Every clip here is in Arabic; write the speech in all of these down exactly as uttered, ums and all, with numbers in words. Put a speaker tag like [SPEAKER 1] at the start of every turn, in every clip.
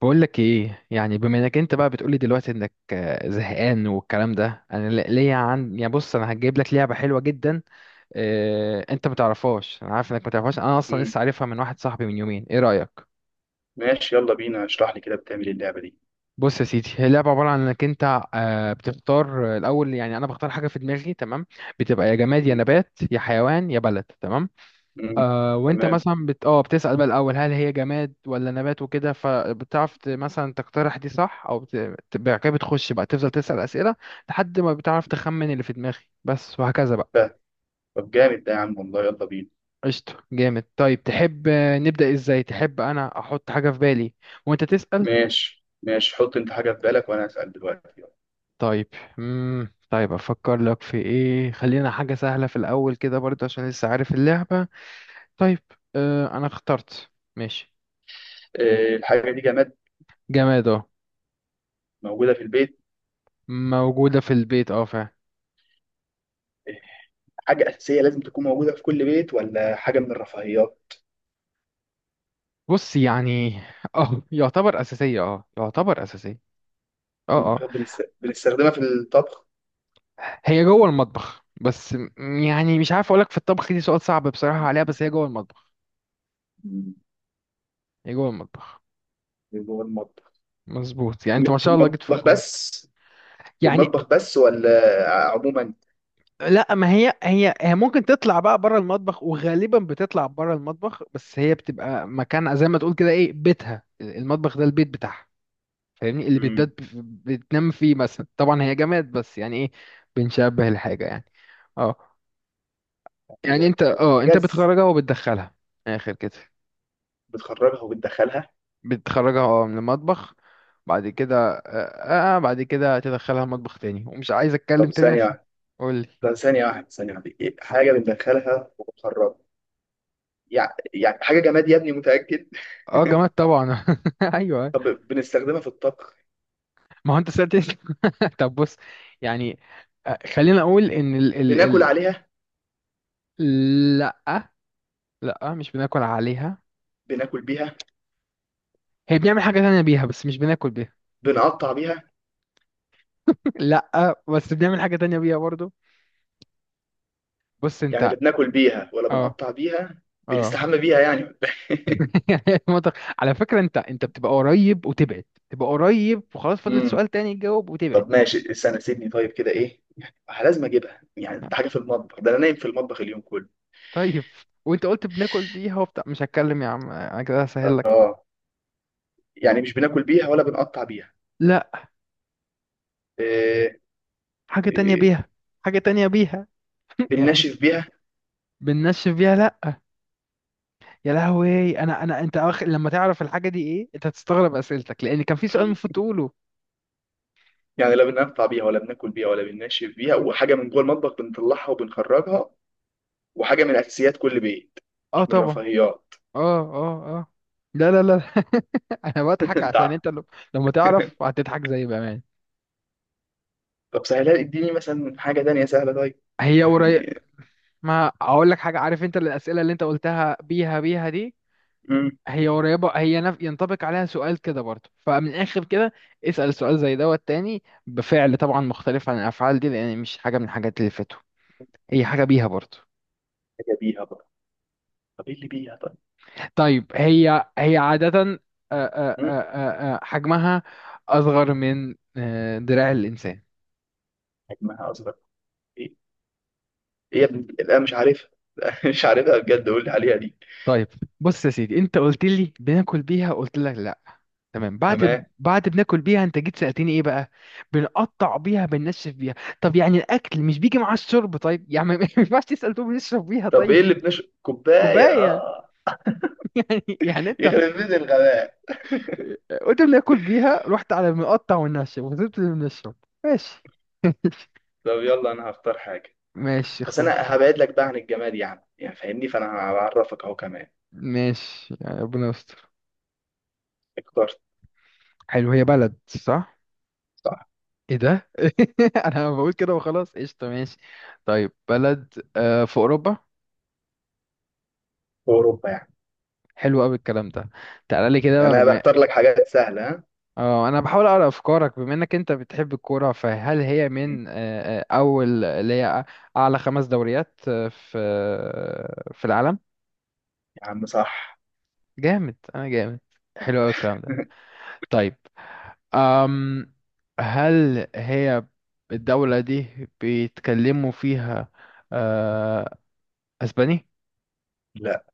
[SPEAKER 1] بقول لك ايه؟ يعني بما انك انت بقى بتقولي دلوقتي انك آه، زهقان والكلام ده، انا ل- ليا عن، يعني بص، انا هجيب لك لعبه حلوه جدا. اه... انت ما تعرفهاش، انا عارف انك ما تعرفهاش، انا اصلا
[SPEAKER 2] مم.
[SPEAKER 1] لسه عارفها من واحد صاحبي من يومين. ايه رايك؟
[SPEAKER 2] ماشي يلا بينا، اشرح لي كده، بتعمل إيه اللعبة دي؟
[SPEAKER 1] بص يا سيدي، هي لعبه عباره عن انك انت آه، بتختار آه، الاول، يعني انا بختار حاجه في دماغي، تمام. بتبقى يا جماد يا
[SPEAKER 2] مم.
[SPEAKER 1] نبات يا حيوان يا بلد، تمام.
[SPEAKER 2] مم.
[SPEAKER 1] آه وانت
[SPEAKER 2] تمام.
[SPEAKER 1] مثلا بت... اه بتسأل بقى الأول هل هي جماد ولا نبات وكده، فبتعرف ت- مثلا تقترح دي صح، أو بت... بت- بعد كده بتخش بقى تفضل تسأل أسئلة. لحد ما بتعرف تخمن اللي في دماغي، بس وهكذا بقى.
[SPEAKER 2] فاهم. طب جامد ده يا عم والله، يلا بينا.
[SPEAKER 1] قشطة، جامد. طيب تحب آه، نبدأ ازاي؟ تحب أنا أحط حاجة في بالي وانت تسأل؟
[SPEAKER 2] ماشي ماشي، حط انت حاجة في بالك وانا هسأل دلوقتي يلا.
[SPEAKER 1] طيب. مم. طيب أفكر لك في ايه؟ خلينا حاجة سهلة في الأول كده برضه عشان لسه عارف اللعبة. طيب. آه أنا اخترت. ماشي.
[SPEAKER 2] آه، الحاجة دي جماد؟
[SPEAKER 1] جماد، اه.
[SPEAKER 2] موجودة في البيت؟
[SPEAKER 1] موجودة في البيت، اه فعلا.
[SPEAKER 2] آه، حاجة أساسية لازم تكون موجودة في كل بيت، ولا حاجة من الرفاهيات؟
[SPEAKER 1] بص يعني، اه يعتبر اساسيه، اه يعتبر اساسيه. اه، اه.
[SPEAKER 2] طب بنست- بنستخدمها في الطبخ؟
[SPEAKER 1] هي جوه المطبخ بس م- يعني مش عارف اقول لك في الطبخ، دي سؤال صعب بصراحه عليها، بس هي جوه المطبخ.
[SPEAKER 2] مم.
[SPEAKER 1] هي جوه المطبخ.
[SPEAKER 2] جوه المطبخ.
[SPEAKER 1] مظبوط، يعني
[SPEAKER 2] م-
[SPEAKER 1] انت ما
[SPEAKER 2] في
[SPEAKER 1] شاء الله جيت في
[SPEAKER 2] المطبخ
[SPEAKER 1] الكون.
[SPEAKER 2] بس؟ في
[SPEAKER 1] يعني.
[SPEAKER 2] المطبخ بس ولا عموما؟
[SPEAKER 1] لا، ما هي هي هي ممكن تطلع بقى بره المطبخ، وغالبا بتطلع بره المطبخ، بس هي بتبقى مكان زي ما تقول كده ايه، بيتها المطبخ، ده البيت بتاعها. فاهمني؟ اللي
[SPEAKER 2] مم.
[SPEAKER 1] بتبات بتنام فيه مثلا، طبعا هي جماد بس يعني ايه، بنشبه الحاجه يعني. اه. يعني
[SPEAKER 2] حاجة
[SPEAKER 1] انت اه انت
[SPEAKER 2] حاجة
[SPEAKER 1] بتخرجها وبتدخلها. من الاخر كده.
[SPEAKER 2] بتخرجها وبتدخلها؟
[SPEAKER 1] بتخرجها، اه، من المطبخ. بعد كده آه, اه بعد كده تدخلها مطبخ تاني، ومش عايز اتكلم
[SPEAKER 2] طب
[SPEAKER 1] تاني
[SPEAKER 2] ثانية
[SPEAKER 1] عشان.
[SPEAKER 2] واحدة.
[SPEAKER 1] قول لي.
[SPEAKER 2] ده ثانية واحدة، ثانية واحدة إيه؟ حاجة بندخلها وبنخرجها؟ يعني يعني حاجة جماد يا ابني؟ متأكد؟
[SPEAKER 1] اه جماد طبعا ايوه.
[SPEAKER 2] طب بنستخدمها في الطبخ؟
[SPEAKER 1] ما هو انت سألت. طب بص، يعني آه، خلينا اقول ان ال ال
[SPEAKER 2] بناكل
[SPEAKER 1] ال
[SPEAKER 2] عليها؟
[SPEAKER 1] لا، لا، مش بناكل عليها.
[SPEAKER 2] بناكل بيها؟
[SPEAKER 1] هي بنعمل حاجة تانية بيها، بس مش بناكل بيها.
[SPEAKER 2] بنقطع بيها؟
[SPEAKER 1] لا، بس بنعمل حاجة تانية بيها برضو. بص
[SPEAKER 2] يعني
[SPEAKER 1] انت.
[SPEAKER 2] اللي بناكل بيها، ولا
[SPEAKER 1] اه،
[SPEAKER 2] بنقطع بيها؟
[SPEAKER 1] اه.
[SPEAKER 2] بنستحمى بيها يعني ولا إيه؟
[SPEAKER 1] يعني المنطق. على فكرة انت انت بتبقى قريب وتبعد. تبقى قريب وخلاص، فاضل
[SPEAKER 2] امم
[SPEAKER 1] سؤال تاني تجاوب وتبعد.
[SPEAKER 2] طب ماشي، استنى سيبني. طيب كده ايه يعني؟ لازم اجيبها يعني، ده حاجة في المطبخ؟ ده انا نايم في المطبخ اليوم كله.
[SPEAKER 1] طيب. وانت قلت بناكل بيها وبتاع مش هتكلم يا عم، انا كده هسهل لك.
[SPEAKER 2] اه، يعني مش بناكل بيها ولا بنقطع بيها؟
[SPEAKER 1] لا،
[SPEAKER 2] إيه؟
[SPEAKER 1] حاجة تانية
[SPEAKER 2] إيه؟
[SPEAKER 1] بيها. حاجة تانية بيها. يعني.
[SPEAKER 2] بننشف بيها؟
[SPEAKER 1] بننشف بيها؟ لا. يا لهوي، انا انا انت أخ... لما تعرف الحاجة دي ايه انت هتستغرب اسئلتك، لان كان في سؤال المفروض تقوله.
[SPEAKER 2] يعني لا بننفع بيها ولا بناكل بيها ولا بننشف بيها، وحاجه من جوه المطبخ بنطلعها وبنخرجها، وحاجه من اساسيات كل بيت،
[SPEAKER 1] اه
[SPEAKER 2] مش من
[SPEAKER 1] طبعا.
[SPEAKER 2] رفاهيات.
[SPEAKER 1] اه، اه، اه. لا، لا، لا. انا بضحك
[SPEAKER 2] انت
[SPEAKER 1] عشان
[SPEAKER 2] ع-
[SPEAKER 1] انت لو- لما تعرف هتضحك زي بأمان.
[SPEAKER 2] طب سهلها، اديني مثلا حاجه تانية سهله. طيب،
[SPEAKER 1] هي قريب.
[SPEAKER 2] يعني
[SPEAKER 1] ما اقول لك حاجه، عارف انت الاسئله اللي انت قلتها بيها بيها دي.
[SPEAKER 2] امم
[SPEAKER 1] هي قريبه، هي نف... ينطبق عليها سؤال كده برضه، فمن الاخر كده اسال سؤال زي دوت تاني بفعل، طبعا مختلف عن الافعال دي، لان مش حاجه من الحاجات اللي فاتوا، هي حاجه بيها برضه.
[SPEAKER 2] حاجه بيها بقى؟ طب ايه اللي بيها طيب؟
[SPEAKER 1] طيب، هي هي عاده آه، آه، آه،
[SPEAKER 2] امم
[SPEAKER 1] آه، آه، حجمها اصغر من آه، دراع الانسان.
[SPEAKER 2] حجمها اصغر؟ ايه؟ ايه يا ابني، لا مش عارفها. مش عارفها بجد، قول لي عليها دي.
[SPEAKER 1] طيب، بص يا سيدي، انت قلت لي بناكل بيها، قلت لك لا. تمام،
[SPEAKER 2] تمام.
[SPEAKER 1] بعد بعد بناكل بيها انت جيت سألتني ايه بقى؟ بنقطع بيها، بننشف بيها. طب يعني الاكل مش بيجي مع الشرب طيب، يعني ما ما ينفعش تسأل تقول بنشرب بيها،
[SPEAKER 2] طب ايه
[SPEAKER 1] طيب.
[SPEAKER 2] اللي بنش كوبايه!
[SPEAKER 1] كوباية.
[SPEAKER 2] اه،
[SPEAKER 1] يعني يعني انت
[SPEAKER 2] يخرب بيت الغباء.
[SPEAKER 1] قلت بناكل بيها، رحت على بنقطع وننشف، وسبت اللي بنشرب. ماشي.
[SPEAKER 2] طب يلا، انا هختار حاجه،
[SPEAKER 1] ماشي،
[SPEAKER 2] بس
[SPEAKER 1] اختار.
[SPEAKER 2] انا هبعد لك بقى عن الجماد يعني يعني فاهمني، فانا هعرفك اهو كمان.
[SPEAKER 1] ماشي، يعني ربنا يستر.
[SPEAKER 2] اخترت.
[SPEAKER 1] حلو، هي بلد صح؟
[SPEAKER 2] صح.
[SPEAKER 1] ايه ده؟ انا بقول كده وخلاص، قشطة، ماشي. طيب، بلد آه، في اوروبا؟
[SPEAKER 2] في اوروبا يعني.
[SPEAKER 1] حلو قوي الكلام ده. تعالى لي كده بقى،
[SPEAKER 2] انا
[SPEAKER 1] بما.
[SPEAKER 2] بختار لك حاجات سهله ها.
[SPEAKER 1] اه، انا بحاول اقرا افكارك، بما انك انت بتحب الكوره فهل هي
[SPEAKER 2] مم.
[SPEAKER 1] من آه، آه، اول اللي هي اعلى خمس دوريات آه، في آه، في العالم؟
[SPEAKER 2] يا عم صح.
[SPEAKER 1] جامد، انا جامد. حلو قوي الكلام ده. طيب. أم هل هي الدولة دي بيتكلموا فيها آه، اسباني؟
[SPEAKER 2] لا.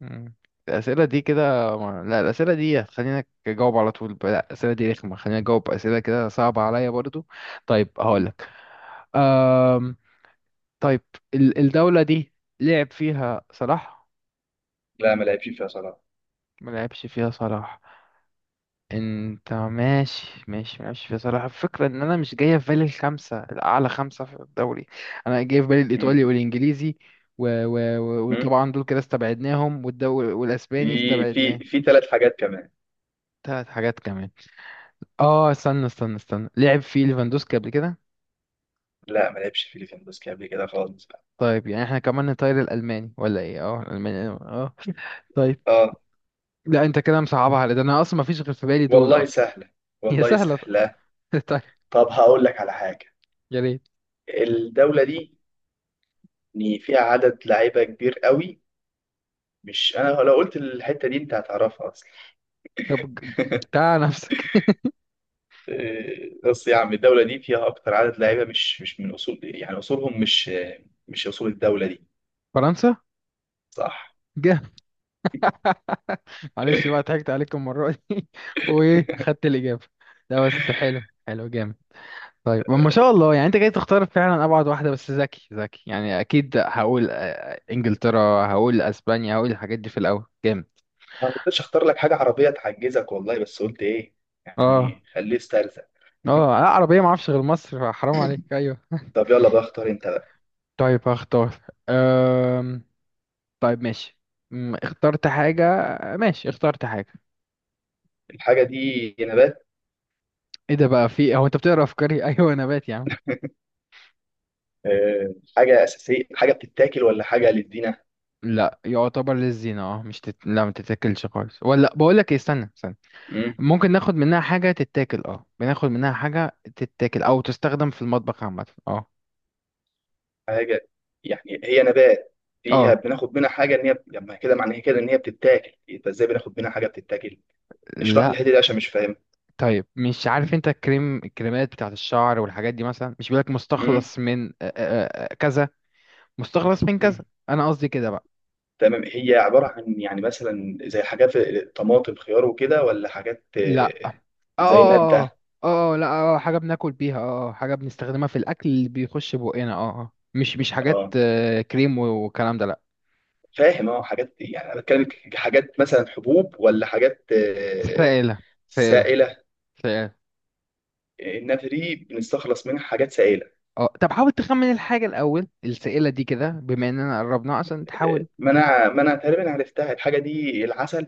[SPEAKER 1] مم. الأسئلة دي كده، ما... لا، الأسئلة دي خلينا أجاوب على طول، لا الأسئلة دي رخمة، خلينا أجاوب أسئلة كده صعبة عليا برضو. طيب
[SPEAKER 2] مم.
[SPEAKER 1] هقولك. أم... طيب، ال- الدولة دي لعب فيها صلاح؟
[SPEAKER 2] لا ما لعبش فيها صلاح.
[SPEAKER 1] ما لعبش فيها صلاح؟ انت ماشي ماشي ماشي، فيها صلاح، الفكرة ان انا مش جاية في بالي الخمسة الاعلى خمسة في الدوري. انا جاي في بالي الايطالي
[SPEAKER 2] مم.
[SPEAKER 1] والانجليزي و... و... و...
[SPEAKER 2] مم.
[SPEAKER 1] وطبعا دول كده استبعدناهم، والدو...
[SPEAKER 2] في
[SPEAKER 1] والاسباني
[SPEAKER 2] في
[SPEAKER 1] استبعدناه.
[SPEAKER 2] في ثلاث حاجات كمان.
[SPEAKER 1] تلات حاجات كمان. اه، استنى استنى استنى، لعب فيه ليفاندوسكي قبل كده؟
[SPEAKER 2] لا ما لعبش فيليبينز قبل كده خالص بقى.
[SPEAKER 1] طيب يعني احنا كمان نطير الالماني ولا ايه؟ اه الالماني، اه. طيب.
[SPEAKER 2] اه.
[SPEAKER 1] لا، انت كده مصعبها على، ده انا اصلا ما فيش غير في بالي دول
[SPEAKER 2] والله
[SPEAKER 1] اصلا.
[SPEAKER 2] سهله،
[SPEAKER 1] هي
[SPEAKER 2] والله
[SPEAKER 1] سهله.
[SPEAKER 2] سهله.
[SPEAKER 1] طيب.
[SPEAKER 2] طب هقول لك على حاجه،
[SPEAKER 1] يا ريت.
[SPEAKER 2] الدوله دي إن فيها عدد لعيبه كبير قوي، مش انا لو قلت الحته دي انت هتعرفها اصلا.
[SPEAKER 1] طب ج- ج- تعال نفسك.
[SPEAKER 2] إيه، بص يا عم الدوله دي فيها اكتر عدد لعيبه مش مش من اصول، يعني اصولهم مش مش اصول الدوله دي.
[SPEAKER 1] فرنسا.
[SPEAKER 2] صح.
[SPEAKER 1] جه. معلش بقى، ضحكت عليكم المره دي وايه، خدت الاجابه؟ لا بس، حلو حلو جامد. طيب ما شاء الله، يعني انت جاي تختار فعلا ابعد واحده، بس ذكي ذكي يعني اكيد هقول آه، انجلترا، هقول اسبانيا، هقول الحاجات دي في الاول، جامد.
[SPEAKER 2] انا ما كنتش اختار لك حاجه عربيه تعجزك والله، بس قلت ايه
[SPEAKER 1] اه.
[SPEAKER 2] يعني، خليه استرزق.
[SPEAKER 1] اه لا، عربيه ما اعرفش غير مصر، حرام عليك، ايوه.
[SPEAKER 2] طب يلا بقى، اختار انت بقى.
[SPEAKER 1] طيب هختار. أم... طيب ماشي. أم، اخترت حاجه. ماشي، اخترت حاجه.
[SPEAKER 2] الحاجه دي نبات؟
[SPEAKER 1] ايه ده بقى، في هو انت بتقرا افكاري؟ ايوه، نبات يا عم.
[SPEAKER 2] أه. حاجه اساسيه، حاجه بتتاكل ولا حاجه للدينه؟
[SPEAKER 1] لا، يعتبر للزينه، اه مش تت... لا، ما تتاكلش خالص، ولا بقول لك ايه، استنى استنى.
[SPEAKER 2] مم.
[SPEAKER 1] ممكن ناخد منها حاجة تتاكل، اه، بناخد منها حاجة تتاكل او تستخدم في المطبخ عامة، اه.
[SPEAKER 2] حاجه يعني هي نبات فيها
[SPEAKER 1] اه.
[SPEAKER 2] بناخد منها حاجه، ان هي لما كده معنى كده ان هي بتتاكل، يبقى ازاي بناخد منها حاجه بتتاكل؟ اشرح لي
[SPEAKER 1] لا.
[SPEAKER 2] الحته دي عشان مش فاهم.
[SPEAKER 1] طيب، مش عارف انت الكريم، الكريمات بتاعت الشعر والحاجات دي مثلا مش بيقولك
[SPEAKER 2] مم.
[SPEAKER 1] مستخلص من آه، آه، آه، كذا. مستخلص من
[SPEAKER 2] مم.
[SPEAKER 1] كذا، انا قصدي كده بقى.
[SPEAKER 2] تمام، هي عباره عن يعني مثلا زي حاجات طماطم خيار وكده، ولا حاجات
[SPEAKER 1] لا. اه،
[SPEAKER 2] آه، زي
[SPEAKER 1] اه، اه.
[SPEAKER 2] ماده؟
[SPEAKER 1] آه، آه، لا. اه حاجة بناكل بيها، اه، آه، حاجة بنستخدمها في الاكل اللي بيخش بقنا، اه، اه، مش مش حاجات
[SPEAKER 2] اه
[SPEAKER 1] آه، كريم والكلام ده، لا.
[SPEAKER 2] فاهم، اه حاجات يعني انا بتكلم، ك- حاجات مثلا حبوب، ولا حاجات آه،
[SPEAKER 1] سائلة. سائلة.
[SPEAKER 2] سائله؟
[SPEAKER 1] سائلة.
[SPEAKER 2] الناتري بنستخلص منها حاجات سائله.
[SPEAKER 1] اه، طب حاول تخمن الحاجة الأول السائلة دي كده بما إننا قربناها عشان
[SPEAKER 2] آه،
[SPEAKER 1] تحاول.
[SPEAKER 2] ما انا ما انا تقريبا عرفتها الحاجه دي، العسل.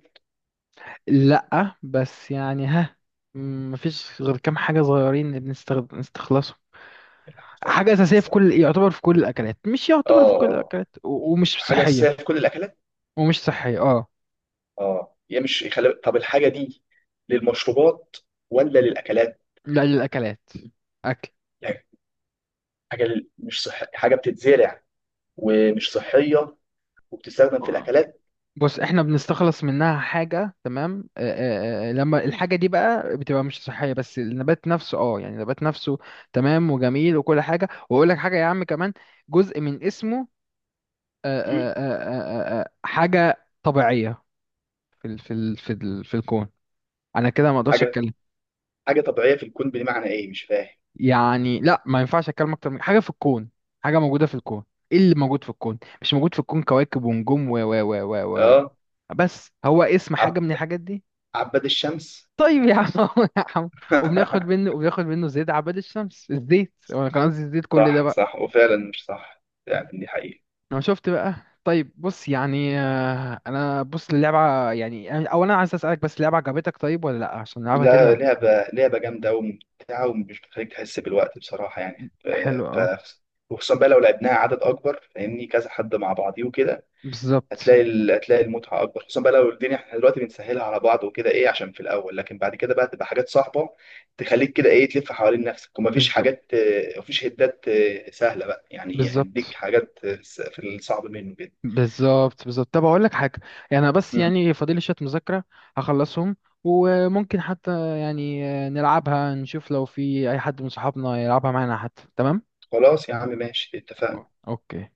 [SPEAKER 1] لأ بس يعني، ها، م- مفيش غير كام حاجة صغيرين بنستخد- بنستخلصهم.
[SPEAKER 2] العسل.
[SPEAKER 1] حاجة أساسية في كل، يعتبر في كل الأكلات، مش
[SPEAKER 2] اه.
[SPEAKER 1] يعتبر في كل
[SPEAKER 2] آه.
[SPEAKER 1] الأكلات، و- ومش
[SPEAKER 2] حاجه اساسيه
[SPEAKER 1] صحية.
[SPEAKER 2] في كل الاكلات.
[SPEAKER 1] ومش صحية، اه.
[SPEAKER 2] اه هي مش خل... طب الحاجه دي للمشروبات ولا للاكلات؟
[SPEAKER 1] لا، للأكلات.
[SPEAKER 2] يعني حاجه لل... مش صح، حاجه بتتزرع ومش صحيه وبتستخدم في
[SPEAKER 1] أكل.
[SPEAKER 2] الاكلات.
[SPEAKER 1] بص، احنا بنستخلص منها حاجة، تمام، آه، آه، آه، آه، لما الحاجة دي بقى بتبقى مش صحية، بس النبات نفسه، اه يعني النبات نفسه، تمام وجميل وكل حاجة، واقول لك حاجة يا عم كمان، جزء من اسمه آه،
[SPEAKER 2] مم.
[SPEAKER 1] آه، آه، آه، آه، آه، حاجة طبيعية في ال في ال في ال في الكون. انا كده ما اقدرش
[SPEAKER 2] حاجه
[SPEAKER 1] اتكلم.
[SPEAKER 2] حاجه طبيعيه في الكون، بمعنى ايه مش فاهم.
[SPEAKER 1] يعني لا، ما ينفعش اتكلم اكتر من حاجة في الكون. حاجة موجودة في الكون. ايه اللي موجود في الكون؟ مش موجود في الكون كواكب ونجوم و و و و و-
[SPEAKER 2] اه،
[SPEAKER 1] بس هو اسم حاجة من الحاجات دي.
[SPEAKER 2] عباد الشمس؟
[SPEAKER 1] طيب يا عم يا عم. وبناخد منه وبناخد منه زيت عباد الشمس، الزيت، وانا كان قصدي الزيت كل ده
[SPEAKER 2] صح
[SPEAKER 1] بقى.
[SPEAKER 2] صح، وفعلا مش صح يعني، دي حقيقة.
[SPEAKER 1] انا شفت بقى. طيب بص، يعني آه، انا بص اللعبة، يعني أنا- اولا عايز اسالك بس اللعبة عجبتك طيب ولا لا، عشان نلعبها تاني؟
[SPEAKER 2] لا، لعبة لعبة جامدة وممتعة، ومش بتخليك تحس بالوقت بصراحة، يعني ف...
[SPEAKER 1] حلو، اه.
[SPEAKER 2] ف- وخصوصا بقى لو لعبناها عدد أكبر فاهمني، كذا حد مع بعضيه وكده،
[SPEAKER 1] بالظبط.
[SPEAKER 2] هتلاقي ال... هتلاقي المتعة أكبر، خصوصا بقى لو الدنيا احنا دلوقتي بنسهلها على بعض وكده، إيه عشان في الأول، لكن بعد كده بقى تبقى حاجات صعبة تخليك كده إيه، تلف حوالين نفسك، ومفيش
[SPEAKER 1] بالظبط.
[SPEAKER 2] حاجات آه، مفيش هدات آه، سهلة بقى، يعني هنديك
[SPEAKER 1] بالظبط.
[SPEAKER 2] حاجات آه، في الصعب منه كده.
[SPEAKER 1] بالظبط. بالظبط. طب اقول لك حاجة، يعني انا بس، يعني فاضل لي شوية مذاكرة هخلصهم، وممكن حتى يعني آه، نلعبها نشوف لو في اي حد من صحابنا يلعبها معانا حتى، تمام.
[SPEAKER 2] خلاص يا عم ماشي، اتفقنا.
[SPEAKER 1] أوكي.